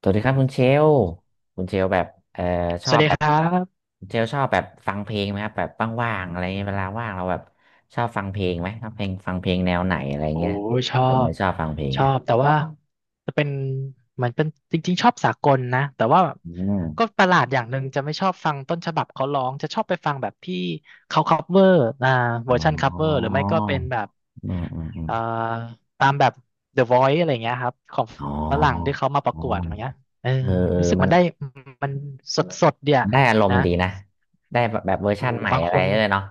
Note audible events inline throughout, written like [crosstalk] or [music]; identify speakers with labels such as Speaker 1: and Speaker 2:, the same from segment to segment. Speaker 1: สวัสดีครับคุณเชลล์คุณเชลล์แบบเอ่อช
Speaker 2: ส
Speaker 1: อ
Speaker 2: วั
Speaker 1: บ
Speaker 2: สดี
Speaker 1: แบ
Speaker 2: ค
Speaker 1: บ
Speaker 2: รับ
Speaker 1: คุณเชลล์ชอบแบบฟังเพลงไหมครับแบบว่างๆอะไรเงี้ยเวลาว่างเราแบบชอบฟังเพลงไหมชอบเพลงฟังเพลงแนวไหนอะไร
Speaker 2: โอ้
Speaker 1: เงี้ย
Speaker 2: ชอ
Speaker 1: ผมเล
Speaker 2: บ
Speaker 1: ยชอบฟังเพลง
Speaker 2: ชอ
Speaker 1: นะ
Speaker 2: บแต่ว่าจะเป็นเหมือนเป็นจริงๆชอบสากลนะแต่ว่า
Speaker 1: อื
Speaker 2: ก็
Speaker 1: ม
Speaker 2: ประหลาดอย่างหนึ่งจะไม่ชอบฟังต้นฉบับเขาร้องจะชอบไปฟังแบบที่เขาคัฟเวอร์เว
Speaker 1: อ๋
Speaker 2: อ
Speaker 1: อ
Speaker 2: ร์ชันคัฟเวอร์หรือไม่ก็เป็นแบบ
Speaker 1: อืมอืมอืม
Speaker 2: เอ่อตามแบบ The Voice อะไรอย่างเงี้ยครับของ
Speaker 1: อ๋อ
Speaker 2: ฝรั่งที่เขามาป
Speaker 1: อ๋
Speaker 2: ระ
Speaker 1: อ
Speaker 2: กวดอะไรเงี้ยเออ
Speaker 1: เออเออ
Speaker 2: รู้สึก
Speaker 1: มั
Speaker 2: มั
Speaker 1: น
Speaker 2: นได้มันสดสดเดีย
Speaker 1: มันได้อารม
Speaker 2: นะ
Speaker 1: ณ์ดีนะได้แบบแบบเวอร์
Speaker 2: โอ้
Speaker 1: ชั่นใหม่
Speaker 2: บาง
Speaker 1: อะ
Speaker 2: ค
Speaker 1: ไร
Speaker 2: น
Speaker 1: เลยเนาะ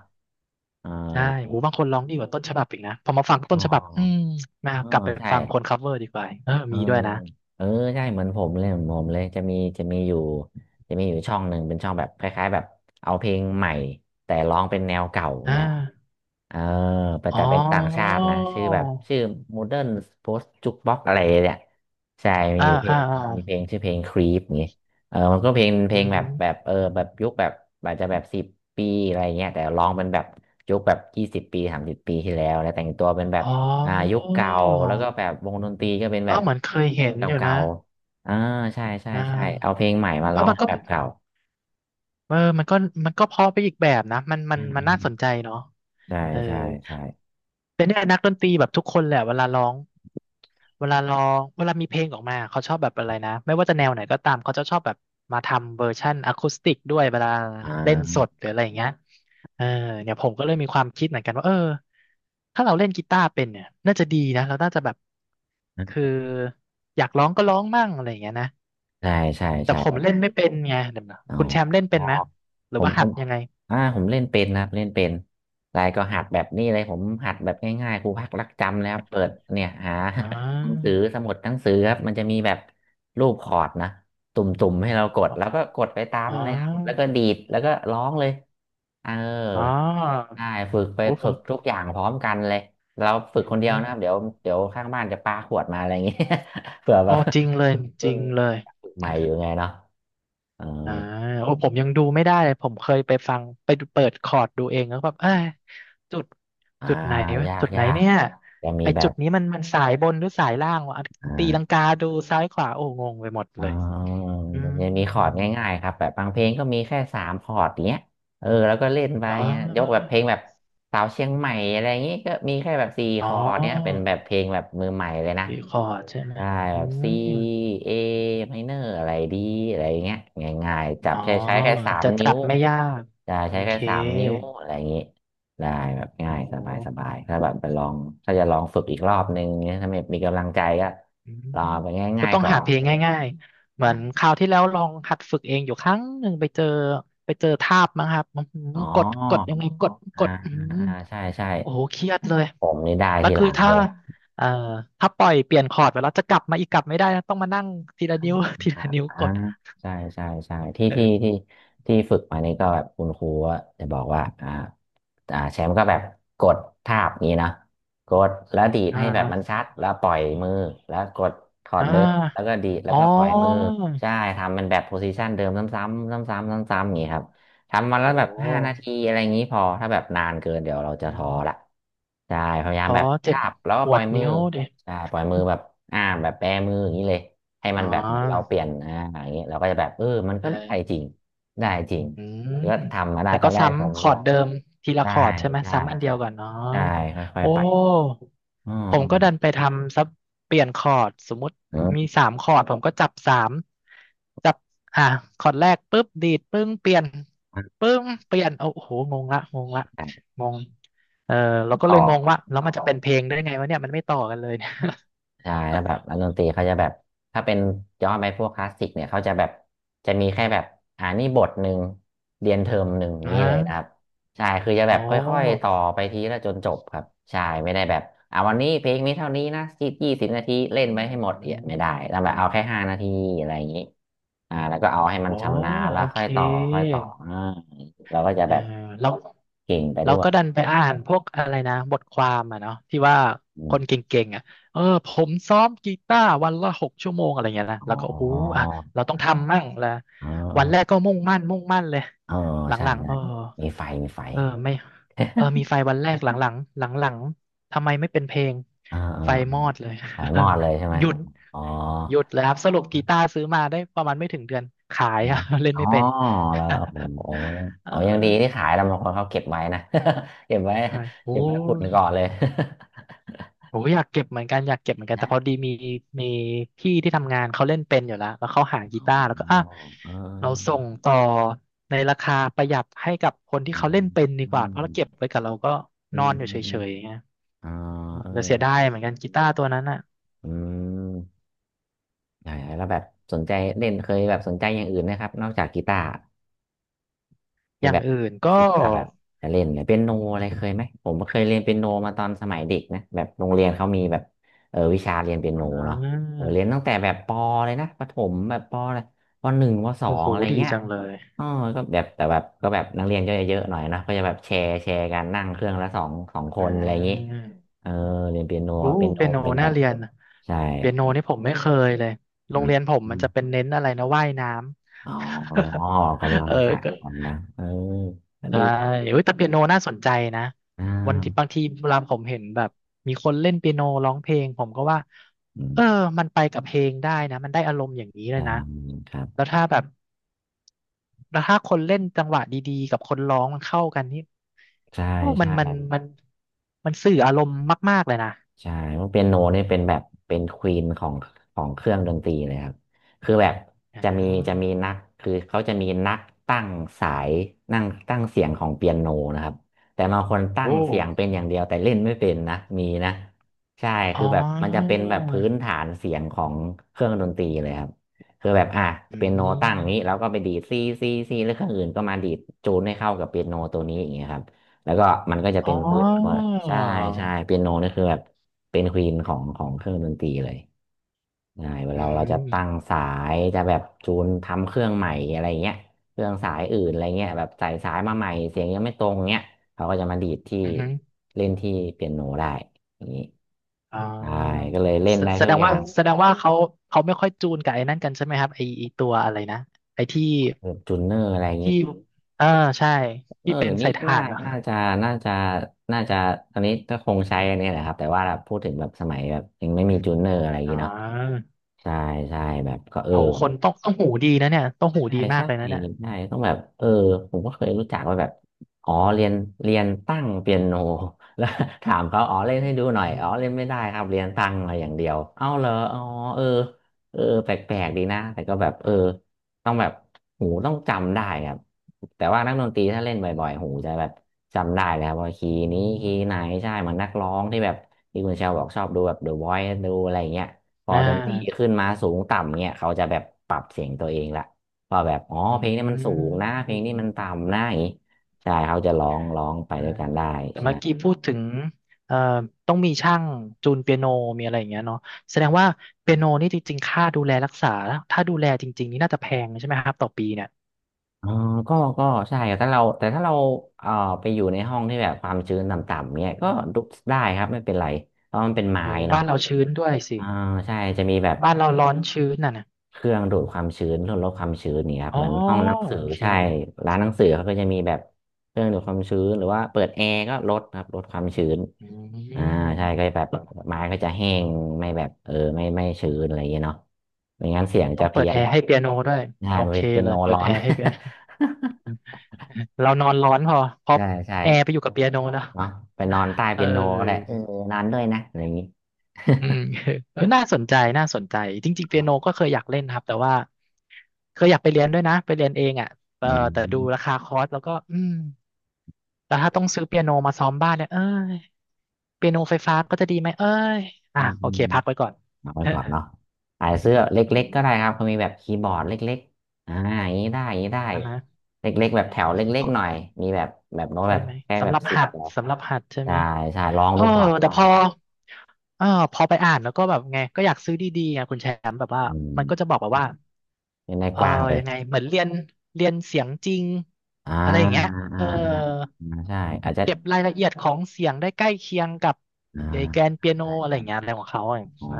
Speaker 1: เออ
Speaker 2: ใช่โหบางคนร้องดีกว่าต้นฉบับอีกนะพอมาฟัง
Speaker 1: อ๋
Speaker 2: ต้
Speaker 1: อ
Speaker 2: นฉบับ อืมมา
Speaker 1: เอ๋อ
Speaker 2: กลับไป
Speaker 1: ใช่
Speaker 2: ฟังคนคัฟเวอร์ดีกว่าเออ
Speaker 1: เออ
Speaker 2: มีด้วยนะ
Speaker 1: เออใช่เหมือนผมเลยเหมือนผมเลยจะมีจะมีอยู่จะมีอยู่ช่องหนึ่งเป็นช่องแบบคล้ายๆแบบเอาเพลงใหม่แต่ร้องเป็นแนวเก่า
Speaker 2: อ่
Speaker 1: เงี้ยครับ
Speaker 2: า
Speaker 1: เออแต่
Speaker 2: อ๋อ
Speaker 1: แต่เป็นต่างชาตินะชื่อแบบชื่อ Modern Post Jukebox อะไรเนี่ยใช่มี
Speaker 2: อ่า
Speaker 1: อยู่เพล
Speaker 2: อ่า
Speaker 1: ง
Speaker 2: อ่า
Speaker 1: มีเพลงชื่อเพลง Creep เงี้ยเออมันก็เพลงเพ
Speaker 2: อื
Speaker 1: ลงแบบแบบ
Speaker 2: ม
Speaker 1: เออแบบยุคแบบอาจจะแบบสิบปีอะไรเงี้ยแต่ร้องเป็นแบบยุคแบบ20 ปี30 ปีที่แล้วแล้วแต่งตัวเป็นแบ
Speaker 2: อ๋
Speaker 1: บอ่ายุ
Speaker 2: อ
Speaker 1: คเก่าแล้วก็แบบวงดนตรีก็เป็น
Speaker 2: เอ
Speaker 1: แบ
Speaker 2: อ
Speaker 1: บ
Speaker 2: เหมือนเคย
Speaker 1: เล่
Speaker 2: เห็
Speaker 1: น
Speaker 2: นอยู่
Speaker 1: เก่า
Speaker 2: นะ
Speaker 1: ๆอ่าใช่ใช่
Speaker 2: อ่
Speaker 1: ใช่เอา
Speaker 2: า
Speaker 1: เพลงใหม่มา
Speaker 2: เออ
Speaker 1: ร้อง
Speaker 2: มันก็
Speaker 1: แบบเก่า
Speaker 2: เออมันก็มันก็เพอไปอีกแบบนะ มันมั
Speaker 1: อื
Speaker 2: น
Speaker 1: ม
Speaker 2: มั
Speaker 1: อื
Speaker 2: น
Speaker 1: ม
Speaker 2: น่าสนใจเนาะ
Speaker 1: ใช่
Speaker 2: เออ
Speaker 1: ใช่ใช่
Speaker 2: แต่เนี่ยนักดนตรีแบบทุกคนแหละเวลาร้อง เวลาร้องเวลามีเพลงออกมาเขาชอบแบบอะไรนะไม่ว่าจะแนวไหนก็ตามเขาจะชอบแบบมาทำเวอร์ชั่นอะคูสติกด้วยเวลา
Speaker 1: อ่
Speaker 2: เล่นส
Speaker 1: า
Speaker 2: ดหรืออะไรอย่างเงี้ยเออเนี่ยผมก็เลยมีความคิดเหมือนกันว่าเออถ้าเราเล่นกีตาร์เป็นเนี่ยน่าจะดีนะเราน่าจะแบบคืออยากร้องก็ร้องมั่งอะไรอย่างเงี้ยนะ
Speaker 1: ใช่ใช่
Speaker 2: แต่
Speaker 1: ใช่
Speaker 2: ผมเล่นไม่เป็นไงเดี๋ยวนะ
Speaker 1: อ๋
Speaker 2: คุณแชมป์
Speaker 1: อ
Speaker 2: เล่นเป็นไหมหรื
Speaker 1: ผ
Speaker 2: อ
Speaker 1: ม
Speaker 2: ว่า
Speaker 1: ผ
Speaker 2: หัด
Speaker 1: ม
Speaker 2: ยังไง
Speaker 1: อ่าผมเล่นเป็นนะครับเล่นเป็นรายก็หัดแบบนี้เลยผมหัดแบบง่ายๆครูพักรักจำนะครับเปิดเนี่ยหา
Speaker 2: อ๋
Speaker 1: หนังสื
Speaker 2: อ
Speaker 1: อสมุดหนังสือครับมันจะมีแบบรูปคอร์ดนะตุ่มๆให้เรากดแล้วก็กดไปตาม
Speaker 2: อ๋
Speaker 1: มันเลยครับแล้ว
Speaker 2: อ
Speaker 1: ก็ดีดแล้วก็ร้องเลยเออ
Speaker 2: อ๋อ
Speaker 1: ใช่ฝึกไป
Speaker 2: โอ้ผ
Speaker 1: ฝึ
Speaker 2: ม
Speaker 1: กทุกอย่างพร้อมกันเลยเราฝึกคนเดียวนะครับเดี๋ยวเดี๋ยวข้างบ้านจะปาขวดมาอะไรอย่างงี้ [laughs] เผื่อแบ
Speaker 2: อ
Speaker 1: บ
Speaker 2: อจริงเลยจ
Speaker 1: รุ่
Speaker 2: ริ
Speaker 1: น
Speaker 2: งเลย
Speaker 1: ฝึกใหม่อยู่ไงเนาะเออ
Speaker 2: อ่าโอ้ผมยังดูไม่ได้เลยผมเคยไปฟังไปดูเปิดคอร์ดดูเองแล้วแบบเอ้ยจุด
Speaker 1: อ่า
Speaker 2: จุดไหนวะ
Speaker 1: ยาก
Speaker 2: จุดไหน
Speaker 1: ยาก
Speaker 2: เนี่ย
Speaker 1: จะมี
Speaker 2: ไอ
Speaker 1: แบ
Speaker 2: จุ
Speaker 1: บ
Speaker 2: ดนี้มันสายบนหรือสายล่างวะ
Speaker 1: อ่
Speaker 2: ตีลัง
Speaker 1: า
Speaker 2: กาดูซ้ายขวาโอ้งงไปหมด
Speaker 1: ออ
Speaker 2: เลยอื
Speaker 1: จะมีคอร์ด
Speaker 2: ม
Speaker 1: ง่ายๆครับแบบบางเพลงก็มีแค่3 คอร์ดเนี้ยเออแล้วก็เล่นไป
Speaker 2: อ๋
Speaker 1: เงี้ยยกแบบ
Speaker 2: อ
Speaker 1: เพลงแบบสาวเชียงใหม่อะไรอย่างงี้ก็มีแค่แบบสี่
Speaker 2: อ๋
Speaker 1: ค
Speaker 2: อ
Speaker 1: อร์ดเนี้ยเป็นแบบเพลงแบบมือใหม่เลยนะ
Speaker 2: สี่คอร์ดใช่ไหม
Speaker 1: ได้
Speaker 2: อื
Speaker 1: แบบ C
Speaker 2: ม
Speaker 1: A minor อะไรดีอะไรเงี้ยง่ายๆจั
Speaker 2: อ๋
Speaker 1: บ
Speaker 2: อ
Speaker 1: ใช้แค่สาม
Speaker 2: จะ
Speaker 1: นิ้
Speaker 2: จั
Speaker 1: ว
Speaker 2: บไม่ยาก
Speaker 1: จะ
Speaker 2: โอ
Speaker 1: ใช้แค่
Speaker 2: เค
Speaker 1: สามนิ้วอะไรอย่างงี้ได้แบบง่า
Speaker 2: โอ้
Speaker 1: ยสบายสบายถ้าแบบไปลองถ้าจะลองฝึกอีกรอบนึงเนี่ยถ้าไม่มีกำลังใจก็
Speaker 2: อื
Speaker 1: ลอ
Speaker 2: ม
Speaker 1: งไป
Speaker 2: ก็
Speaker 1: ง่าย
Speaker 2: ต้อ
Speaker 1: ๆ
Speaker 2: ง
Speaker 1: ก่อ
Speaker 2: หา
Speaker 1: น
Speaker 2: เพล
Speaker 1: อะไรอ
Speaker 2: ง
Speaker 1: ย่างงี้
Speaker 2: ง่ายๆ เหมื
Speaker 1: อ่ะ
Speaker 2: อนคราวที่แล้วลองหัดฝึกเองอยู่ครั้งหนึ่งไปเจอทาบมั้งครับอื้อหือ
Speaker 1: อ๋อ
Speaker 2: กดกดยังไงกด
Speaker 1: อ่า
Speaker 2: กดอือ
Speaker 1: อ่า
Speaker 2: หือ
Speaker 1: อ่าใช่ใช่
Speaker 2: โอ้โหเครียดเลย
Speaker 1: ผมนี่ได้
Speaker 2: แล้ว
Speaker 1: ทีห
Speaker 2: คือ
Speaker 1: ลัง
Speaker 2: ถ้า
Speaker 1: เลย
Speaker 2: เอ่อถ้าปล่อยเปลี่ยนคอร์ดไปแล้วจะกลับมาอีกกลับไม่ได้นะต้องมานั่งทีละนิ้ว [laughs] ทีละนิ้ว
Speaker 1: อ่า
Speaker 2: กด
Speaker 1: ใช่ใช่ใช่ที่ที่
Speaker 2: เออ
Speaker 1: ที่ที่ฝึกมานี่ก็แบบคุณครูก็จะบอกว่าอ่าอ่าแชมป์ก็แบบกดทาบนี้นะกดแล้วดีด
Speaker 2: อ่
Speaker 1: ให้แบบมัน
Speaker 2: า
Speaker 1: ชัดแล้วปล่อยมือแล้วกดถอด
Speaker 2: อ่
Speaker 1: เดิมแล้วก็
Speaker 2: า
Speaker 1: ดีดแล้ว
Speaker 2: อ๋อ
Speaker 1: ก็ปล่อยมือใช่ทำมันแบบโพซิชันเดิมซ้ำๆซ้ำๆซ้ำๆอย่างนี้ครับทำมาแล้ว
Speaker 2: โอ้
Speaker 1: แบบ
Speaker 2: โห
Speaker 1: ห้านาทีอะไรอย่างนี้พอถ้าแบบนานเกินเดี๋ยวเราจะ
Speaker 2: อื
Speaker 1: ท้อ
Speaker 2: ม
Speaker 1: ละใช่พยายา
Speaker 2: ข
Speaker 1: มแบ
Speaker 2: อ
Speaker 1: บ
Speaker 2: เจ็
Speaker 1: จั
Speaker 2: บ
Speaker 1: บแล้วก็
Speaker 2: ป
Speaker 1: ป
Speaker 2: ว
Speaker 1: ล่อ
Speaker 2: ด
Speaker 1: ยมือ
Speaker 2: นิ้วดิ
Speaker 1: ใช่ปล่อยมือแบบอ่าแบบแบมืออย่างนี้เลย ให้
Speaker 2: อ๋
Speaker 1: มันแบบเหมือนเรา
Speaker 2: อ
Speaker 1: เปลี่ยนอ่าอย่างเงี้ยเราก็จะแบบเออมัน
Speaker 2: เอ
Speaker 1: ก็ได้
Speaker 2: อ
Speaker 1: จริงได้จริง
Speaker 2: อืม
Speaker 1: ก็ทำมาได้
Speaker 2: แต่
Speaker 1: ตอ
Speaker 2: ก็
Speaker 1: นแรกผม
Speaker 2: ซ้ำคอร์ดเดิมทีละ
Speaker 1: ได้
Speaker 2: คอร์ดใช่ไหม
Speaker 1: ใช่
Speaker 2: ซ้ำอันเดี
Speaker 1: ใช่
Speaker 2: ยวก่อนเนาะ
Speaker 1: ใช่ค่อย
Speaker 2: โอ้
Speaker 1: ๆไปอืม
Speaker 2: ผม
Speaker 1: อื
Speaker 2: ก็
Speaker 1: ม
Speaker 2: ดันไปทำซับเปลี่ยนคอร์ดสมมติ
Speaker 1: อื
Speaker 2: มี
Speaker 1: ม
Speaker 2: สามคอร์ดผมก็จับสามจับอ่ะคอร์ดแรกปุ๊บดีดปึ้งเปลี่ยนปึ้งเปลี่ยนโอ้โหงงละงงเออเราก็
Speaker 1: ต่
Speaker 2: เลย
Speaker 1: อ
Speaker 2: งงว่าแล้ว
Speaker 1: ต่
Speaker 2: มั
Speaker 1: อ
Speaker 2: นจะเป็นเพลงได้ไงวะเนี่ยมันไม่ต่อกันเลยเนี่ย
Speaker 1: ใช่แล้วแบบนักดนตรีเขาจะแบบถ้าเป็นย้อนไปพวกคลาสสิกเนี่ยเขาจะแบบจะมีแค่แบบอ่านี่บทหนึ่งเรียนเทอมหนึ่ง
Speaker 2: [laughs] อ่า
Speaker 1: นี้เลยนะครับใช่คือจะแบ
Speaker 2: โอ้
Speaker 1: บค่อยๆต่อไปทีละจนจบครับใช่ไม่ได้แบบอ่าวันนี้เพลงนี้เท่านี้นะ20 นาทีเล่
Speaker 2: อื
Speaker 1: นไปให้หมดเนี่ยไม่ได้แล้วแบบ
Speaker 2: ม
Speaker 1: เอาแค่ห้านาทีอะไรอย่างนี้อ่าแล้วก็เอาให้มัน
Speaker 2: โอ้
Speaker 1: ชำนาญแล้
Speaker 2: โอ
Speaker 1: วค่
Speaker 2: เค
Speaker 1: อยต่อค่อยต่ออ่าเราก็จะ
Speaker 2: อ่า
Speaker 1: แบบ
Speaker 2: แล้ว
Speaker 1: เก่งไป
Speaker 2: เรา
Speaker 1: ด้วย
Speaker 2: ก็ดันไปอ่านพวกอะไรนะบทความอ่ะเนาะที่ว่า
Speaker 1: อ
Speaker 2: ค
Speaker 1: ม
Speaker 2: นเก่งๆอ่ะเออผมซ้อมกีตาร์วันละหกชั่วโมงอะไรเงี้ยนะ
Speaker 1: อ๋
Speaker 2: แล้วก็โอ้โห
Speaker 1: อ
Speaker 2: อ่ะเราต้องทำมั่งละ
Speaker 1: อ๋อ
Speaker 2: วันแรกก็มุ่งมั่นเลย
Speaker 1: เออ
Speaker 2: ห
Speaker 1: ใช่
Speaker 2: ลังๆ
Speaker 1: ใช่
Speaker 2: เออ
Speaker 1: มีไฟมีไฟ
Speaker 2: เออไม่เออมีไฟวันแรกหลังๆหลังๆทำไมไม่เป็นเพลง
Speaker 1: เออเออ
Speaker 2: ไฟมอดเลย
Speaker 1: เออไฟมอดเลยใช่ไหม
Speaker 2: [laughs] หยุด
Speaker 1: อ๋อ
Speaker 2: หยุดเลยครับสรุปกีตาร์ซื้อมาได้ประมาณไม่ถึงเดือนขายอะ [laughs] เล่น
Speaker 1: อ๋อ
Speaker 2: ไม่เป็น
Speaker 1: แล้วโอ้
Speaker 2: [laughs]
Speaker 1: โห
Speaker 2: เออ
Speaker 1: โอ้ยังดีที่ขายแล้วบางคนเขาเก็บไว้นะ [laughs] เก็บไว้
Speaker 2: ใช่โอ้
Speaker 1: เก็บไว้ปุ่น
Speaker 2: ย
Speaker 1: ก่อนเลย
Speaker 2: ผมก็อยากเก็บเหมือนกันอยากเก็บเหมือนกั
Speaker 1: [laughs]
Speaker 2: นแต่
Speaker 1: นะ
Speaker 2: พอดีมีมีพี่ที่ทำงานเขาเล่นเป็นอยู่แล้วแล้วเขาหากี
Speaker 1: อ๋อ
Speaker 2: ตาร์แล้วก็อ่ะ
Speaker 1: เออ
Speaker 2: เราส่งต่อในราคาประหยัดให้กับคนที่
Speaker 1: เอ
Speaker 2: เขาเล่
Speaker 1: อ
Speaker 2: นเป็นดี
Speaker 1: อื
Speaker 2: กว่าเพราะเราเก็บ
Speaker 1: ม
Speaker 2: ไว้กับเราก็
Speaker 1: อื
Speaker 2: นอ
Speaker 1: ม
Speaker 2: นอยู่
Speaker 1: อืม
Speaker 2: เฉ
Speaker 1: อืม
Speaker 2: ยๆอย่างเงี้ย
Speaker 1: อ๋อเออ
Speaker 2: แต่เสียดายเหมือนกันกีตาร์ตัวนั้นอะ
Speaker 1: อืมใช่แล้วแบบสนใจเล่นเคยแบบสนใจอย่างอื่นนะครับนอกจากกีตาร์
Speaker 2: อ
Speaker 1: ที่
Speaker 2: ย่าง
Speaker 1: แบบ
Speaker 2: อื่นก็
Speaker 1: คิดว่าแบบจะเล่นเลยเปียโนอะไรเคยไหมผมเคยเรียนเปียโนมาตอนสมัยเด็กนะแบบโรงเรียนเขามีแบบเออวิชาเรียนเปียโน
Speaker 2: อ่
Speaker 1: เนาะ
Speaker 2: า
Speaker 1: เออเรียนตั้งแต่แบบปเลยนะประถมแบบปเลยปหนึ่งปสอ
Speaker 2: โอ้
Speaker 1: ง
Speaker 2: โห
Speaker 1: อะไร
Speaker 2: ดี
Speaker 1: เงี้ย
Speaker 2: จังเลย
Speaker 1: อ๋อก็แบบแต่แบบก็แบบนักเรียนก็จะเยอะหน่อยนะก็จะแบบแชร์แชร์กันนั่งเครื่องละสองสองค
Speaker 2: อ่
Speaker 1: นอะไรอย่างนี้
Speaker 2: า
Speaker 1: เออเรียนเปียโน
Speaker 2: โอ้
Speaker 1: เปียโน
Speaker 2: เปียโน
Speaker 1: เป็นแบ
Speaker 2: น่า
Speaker 1: บ
Speaker 2: เรียนอะ
Speaker 1: ใช่
Speaker 2: เปียโนนี่ผมไม่เคยเลยโร
Speaker 1: อื
Speaker 2: ง
Speaker 1: ม
Speaker 2: เรียนผม
Speaker 1: อ
Speaker 2: มัน
Speaker 1: ม
Speaker 2: จะเป็นเน้นอะไรนะว่ายน้ำ
Speaker 1: อ๋อกำลัง
Speaker 2: [laughs] เออ
Speaker 1: สะ
Speaker 2: ก็
Speaker 1: กำลังเออก็
Speaker 2: ใช่
Speaker 1: ดี
Speaker 2: เอ้
Speaker 1: นะ
Speaker 2: ยแต่เปียโนน่าสนใจนะ
Speaker 1: อ่
Speaker 2: วันที่บา
Speaker 1: า
Speaker 2: งทีเวลาผมเห็นแบบมีคนเล่นเปียโนร้องเพลงผมก็ว่า
Speaker 1: อื
Speaker 2: เออ
Speaker 1: ม
Speaker 2: มันไปกับเพลงได้นะมันได้อารมณ์อย่างนี้เลย
Speaker 1: ใช่
Speaker 2: นะ
Speaker 1: ครับ
Speaker 2: แล้วถ้าแบบแล้วถ้าคนเล่นจังหวะดีๆกับคนร้องมันเข้ากันนี่
Speaker 1: ใช่
Speaker 2: โอ้มันมัน
Speaker 1: ใช่
Speaker 2: มันมันสื่ออารมณ์มากๆเลยนะ
Speaker 1: ใช่ว่าเปียโนนี่เป็นแบบเป็นควีนของของเครื่องดนตรีเลยครับคือแบบ
Speaker 2: อ่
Speaker 1: จะมีจะมี
Speaker 2: า
Speaker 1: นักคือเขาจะมีนักตั้งสายนั่งตั้งเสียงของเปียโนนะครับแต่บางคนตั้
Speaker 2: โอ้
Speaker 1: งเสียงเป็นอย่างเดียวแต่เล่นไม่เป็นนะมีนะใช่คื
Speaker 2: อ๋
Speaker 1: อ
Speaker 2: อ
Speaker 1: แบบมันจะเป็นแบบพื้นฐานเสียงของเครื่องดนตรีเลยครับคือแบบอ่ะ
Speaker 2: อื
Speaker 1: เปียโนตั้งนี้แล้
Speaker 2: ม
Speaker 1: วก็ไปดีดซีซีซีแล้วเครื่องอื่นก็มาดีดจูนให้เข้ากับเปียโนตัวนี้อย่างเงี้ยครับ แล้วก็มันก็จะ
Speaker 2: อ๋
Speaker 1: เป็นพื้น
Speaker 2: อ
Speaker 1: ใช่ใช่เปียโนนี่คือแบบเป็นควีนของของเครื่องดนตรีเลยใช่เว
Speaker 2: อื
Speaker 1: ลาเราจะตั้ง
Speaker 2: ม
Speaker 1: สายจะแบบจูนทำเครื่องใหม่อะไรเงี้ยเครื่องสายอื่นอะไรเงี้ยแบบใส่สายมาใหม่เสียงยังไม่ตรงเงี้ยเขาก็จะมาดีดที่
Speaker 2: อือฮึ
Speaker 1: เล่นที่เปียโนได้อย่างนี้
Speaker 2: อ๋อ
Speaker 1: ใช่ก็เลยเล่น
Speaker 2: แส
Speaker 1: ได้
Speaker 2: แส
Speaker 1: ทุ
Speaker 2: ด
Speaker 1: ก
Speaker 2: ง
Speaker 1: อ
Speaker 2: ว่า
Speaker 1: ย่าง
Speaker 2: แสดงว่าเขาไม่ค่อยจูนกับไอ้นั่นกันใช่ไหมครับไอ้ตัวอะไรนะไอ้ที่
Speaker 1: แบบจูนเนอร์อะไรอย่างนี้
Speaker 2: ที่เออใช่
Speaker 1: เอ
Speaker 2: ที่
Speaker 1: อ
Speaker 2: เป็
Speaker 1: เดี๋
Speaker 2: น
Speaker 1: ยวนี้
Speaker 2: ใส่
Speaker 1: ก็
Speaker 2: ถ่า
Speaker 1: น่า
Speaker 2: นเนอะ
Speaker 1: น่าจะน่าจะน่าจะตอนนี้ก็คงใช้อันนี้แหละครับแต่ว่าแบบพูดถึงแบบสมัยแบบยังไม่มีจูนเนอร์อะไรอย่าง
Speaker 2: อ๋
Speaker 1: นี้เนาะ
Speaker 2: อ
Speaker 1: ใช่ใช่แบบก็เออ
Speaker 2: โหคนต้องหูดีนะเนี่ยต้อง
Speaker 1: ใช่
Speaker 2: หู
Speaker 1: ใช่
Speaker 2: ดีมากเลยนะเนี่ย
Speaker 1: ใช่ต้องแบบเออผมก็เคยรู้จักว่าแบบอ๋อเรียนเรียนตั้งเปียโน [laughs] แล้ว [laughs] ถามเขาอ๋อเล่นให้ดูหน่อย
Speaker 2: อื
Speaker 1: อ๋อ
Speaker 2: ม
Speaker 1: เล่นไม่ได้ครับเรียนตั้งมาอย่างเดียวเอ้าเหรออ๋อเออเออแปลกๆดีนะแต่ก็แบบเออต้องแบบหูต้องจำได้ครับแต่ว่านักดนตรีถ้าเล่นบ่อยๆหูจะแบบจำได้แล้วว่าคี
Speaker 2: อื
Speaker 1: ย์นี้คีย์ไหน
Speaker 2: ม
Speaker 1: ใช่เหมือนนักร้องที่แบบที่คุณเชลบอกชอบดูแบบ The Voice ดูอะไรเงี้ยพอ
Speaker 2: อ่
Speaker 1: ดนตรี
Speaker 2: า
Speaker 1: ขึ้นมาสูงต่ำเนี่ยเขาจะแบบปรับเสียงตัวเองละ ว่าแบบอ๋อ
Speaker 2: อ
Speaker 1: เพลงนี้มันสู
Speaker 2: ื
Speaker 1: งนะเพลงนี้มัน
Speaker 2: ม
Speaker 1: ต่ำนะอย่างนี้ใช่เขาจะร้องร้องไป
Speaker 2: อ่า
Speaker 1: ด้วยกันได้
Speaker 2: แต่
Speaker 1: ใช่
Speaker 2: เมื่อกี้พูดถึงเอ่อต้องมีช่างจูนเปียโนมีอะไรอย่างเงี้ยเนาะแสดงว่าเปียโนนี่จริงๆค่าดูแลรักษาถ้าดูแลจริงๆนี่น่าจะแพงใช่ไหมครับต่อปีเนี่ย
Speaker 1: ออก็ก็ใช่ครับถ้าเราแต่ถ้าเราเอ่อไปอยู่ในห้องที่แบบความชื้นต่ำๆเนี่ยก็ดูได้ครับไม่เป็นไรเพราะมันเป็นไม้
Speaker 2: โอ้
Speaker 1: เนาะ
Speaker 2: บ้านเราชื้นด้วยสิ
Speaker 1: อ่าใช่จะมีแบบ
Speaker 2: บ้านเราร้อนชื้นน่ะนะ
Speaker 1: เครื่องดูดความชื้นลดความชื้นนี่ครับ
Speaker 2: อ๋อ
Speaker 1: เหมือนห้องหนัง
Speaker 2: โอ
Speaker 1: สือ
Speaker 2: เค
Speaker 1: ใช่ร้านหนังสือเขาก็จะมีแบบเครื่องดูดความชื้นหรือว่าเปิดแอร์ก็ลดครับลดความชื้น
Speaker 2: อื
Speaker 1: อ่า
Speaker 2: ม
Speaker 1: ใช่ก็แบบไม้ก็จะแห้งไม่แบบเออไม่ชื้นอะไรอย่างเงี้ยเนาะไม่งั้นเสี
Speaker 2: โอ้
Speaker 1: ยง
Speaker 2: ต้อ
Speaker 1: จะ
Speaker 2: งเปิ
Speaker 1: เพี้
Speaker 2: ด
Speaker 1: ย
Speaker 2: แอ
Speaker 1: น
Speaker 2: ร์ให้เปียโนด้วย
Speaker 1: ใช่
Speaker 2: โอ
Speaker 1: มัน
Speaker 2: เค
Speaker 1: เป็นเป็น
Speaker 2: เล
Speaker 1: โน
Speaker 2: ยเปิ
Speaker 1: ร้
Speaker 2: ด
Speaker 1: อ
Speaker 2: แอ
Speaker 1: น
Speaker 2: ร์ให้เปียโน
Speaker 1: [laughs]
Speaker 2: [laughs] เรานอนร้อนพอเพราะ
Speaker 1: ใช่ใช่
Speaker 2: แอร์ไปอยู่กับเปียโนแล้ว
Speaker 1: เนาะไปนอนใต้
Speaker 2: [laughs] เอ
Speaker 1: เป็นโนก็ได้
Speaker 2: อ
Speaker 1: เออนอนด้วยนะอะไรอย่างงี้
Speaker 2: อืม [laughs] เออน่าสนใจจริงๆเปียโนก็
Speaker 1: [laughs]
Speaker 2: เคยอยากเล่นครับแต่ว่าเคยอยากไปเรียนด้วยนะไปเรียนเองอ่ะเออ
Speaker 1: อื
Speaker 2: แต่ดูรา
Speaker 1: ม
Speaker 2: คาคอร์สแล้วก็อืมแต่ถ้าต้องซื้อเปียโนมาซ้อมบ้านเนี่ยเอ้ยเปียโนไฟฟ้าก็จะดีไหมเอ้ยอ่ะ
Speaker 1: อืม
Speaker 2: โอ
Speaker 1: อื
Speaker 2: เค
Speaker 1: ม
Speaker 2: พักไว้ก่อน
Speaker 1: เอาไป
Speaker 2: [laughs]
Speaker 1: ก่อนเนาะขายเสื้อเล
Speaker 2: อื
Speaker 1: ็กๆ
Speaker 2: ม
Speaker 1: ก็ได้ครับเขามีแบบคีย์บอร์ดเล็กๆอ่าอย่างนี้ได้อย่างนี้ได้
Speaker 2: นะนะ
Speaker 1: เล็กๆแบบแถวเล็
Speaker 2: พ
Speaker 1: ก
Speaker 2: อ
Speaker 1: ๆหน่อยมีแบบแบบโน้ต
Speaker 2: ใช่
Speaker 1: แบบ
Speaker 2: ไหม
Speaker 1: แค่แบ
Speaker 2: สำห
Speaker 1: บ
Speaker 2: รับ
Speaker 1: 10
Speaker 2: หัด
Speaker 1: แถว
Speaker 2: สำหรับหัดใช่ไห
Speaker 1: ใช่
Speaker 2: ม
Speaker 1: ใช่ลอง
Speaker 2: เออ
Speaker 1: ดูก่อนล
Speaker 2: แต่
Speaker 1: อง
Speaker 2: พ
Speaker 1: ดู
Speaker 2: อ
Speaker 1: ก่อน
Speaker 2: เออพอไปอ่านแล้วก็แบบไงก็อยากซื้อดีๆไงคุณแชมป์แบบว่า
Speaker 1: อืม
Speaker 2: มันก็จะบอกแบบว่า
Speaker 1: เน้นได้
Speaker 2: เออ
Speaker 1: กว้างเลย
Speaker 2: ยังไงเหมือนเรียนเรียนเสียงจริง
Speaker 1: อ่า
Speaker 2: อะไรอย่างเงี้ย
Speaker 1: อ่าอ่า
Speaker 2: เออ
Speaker 1: อ่าใช่อาจจะ
Speaker 2: เก็บรายละเอียดของเสียงได้ใกล้เคียงกับ
Speaker 1: อ่า
Speaker 2: ไอ้แกนเปียโน
Speaker 1: ใช่
Speaker 2: อะไรอ
Speaker 1: ใช่
Speaker 2: ย่างเงี้ยอะไรของเขาอ่ะ
Speaker 1: อ๋อ
Speaker 2: อ่า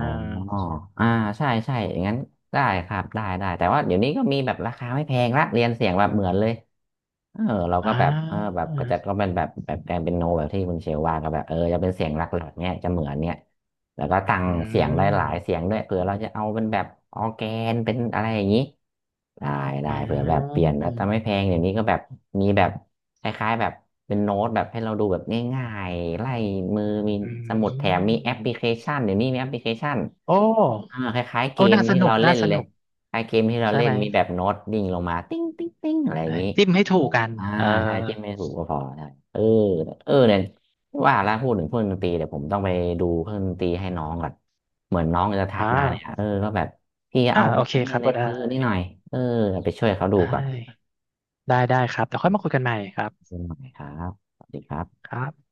Speaker 1: อ่าใช่ใช่อย่างนั้น ได้ครับได้ได้ แต่ว่าเดี๋ยวนี้ก็มีแบบราคาไม่แพงละเรียนเสียงแบบเหมือนเลย เออเราก็
Speaker 2: อ่า
Speaker 1: แบบเออแบบก็จะก็เป็นแบบแบบแกนเป็นโนแบบที่คุณเชลว่าก็แบบเออจะเป็นเสียงหลักๆเนี่ยจะเหมือนเนี่ยแล้วก็ตั้ง
Speaker 2: อื
Speaker 1: เสียงได้หลายเสี
Speaker 2: ม
Speaker 1: ยงด้วยเผื่อเราจะเอาเป็นแบบออร์แกนเป็นอะไรอย่างนี้ได้ได้
Speaker 2: อ่
Speaker 1: เผื่อแบบเป
Speaker 2: า
Speaker 1: ลี่ยนแต่ไม่แพงเดี๋ยวนี้ก็แบบมีแบบคล้ายๆแบบเป็นโน้ตแบบให้เราดูแบบง่ายๆไล่มือมี
Speaker 2: อื
Speaker 1: สมุดแถมมี
Speaker 2: ม
Speaker 1: แอปพลิเคชันเดี๋ยวนี้มีแอปพลิเคชัน
Speaker 2: โอ
Speaker 1: อ่า
Speaker 2: ้
Speaker 1: คล้ายๆเก
Speaker 2: โอ้
Speaker 1: ม
Speaker 2: น่าส
Speaker 1: ที่
Speaker 2: นุ
Speaker 1: เรา
Speaker 2: ก
Speaker 1: เล่
Speaker 2: น่า
Speaker 1: น
Speaker 2: ส
Speaker 1: เลย
Speaker 2: นุก
Speaker 1: คล้ายเกมที่เรา
Speaker 2: ใช่
Speaker 1: เล่
Speaker 2: ไห
Speaker 1: น
Speaker 2: ม
Speaker 1: มีแบบโน้ตดิ่งลงมาติ้งติ้งติ้งอะไรอ
Speaker 2: เอ
Speaker 1: ย่า
Speaker 2: อ
Speaker 1: งนี้
Speaker 2: จิ้มให้ถูกกัน
Speaker 1: อ่า
Speaker 2: เออ
Speaker 1: ใช่จิ้มไม่ถูกก็พอใช่เออเออเนี่ยว่าแล้วพูดถึงเครื่องดนตรีเดี๋ยวผมต้องไปดูเครื่องดนตรีให้น้องก่อนเหมือนน้องจะทั
Speaker 2: อ่า
Speaker 1: กมาเนี่ยเออก็แบบพี่
Speaker 2: อ่า
Speaker 1: เอา
Speaker 2: โอเค
Speaker 1: อันนี้
Speaker 2: ครั
Speaker 1: อะ
Speaker 2: บ
Speaker 1: ไร
Speaker 2: ก็ได้
Speaker 1: ซื้อนี่หน่อยเออไปช่วยเขาดู
Speaker 2: ได
Speaker 1: ก่อน
Speaker 2: ้ ได้ ได้ครับเดี๋ยวค่อยมาคุยกันใหม่ครับ
Speaker 1: ดูหน่อยครับสวัสดีครับ
Speaker 2: ครับ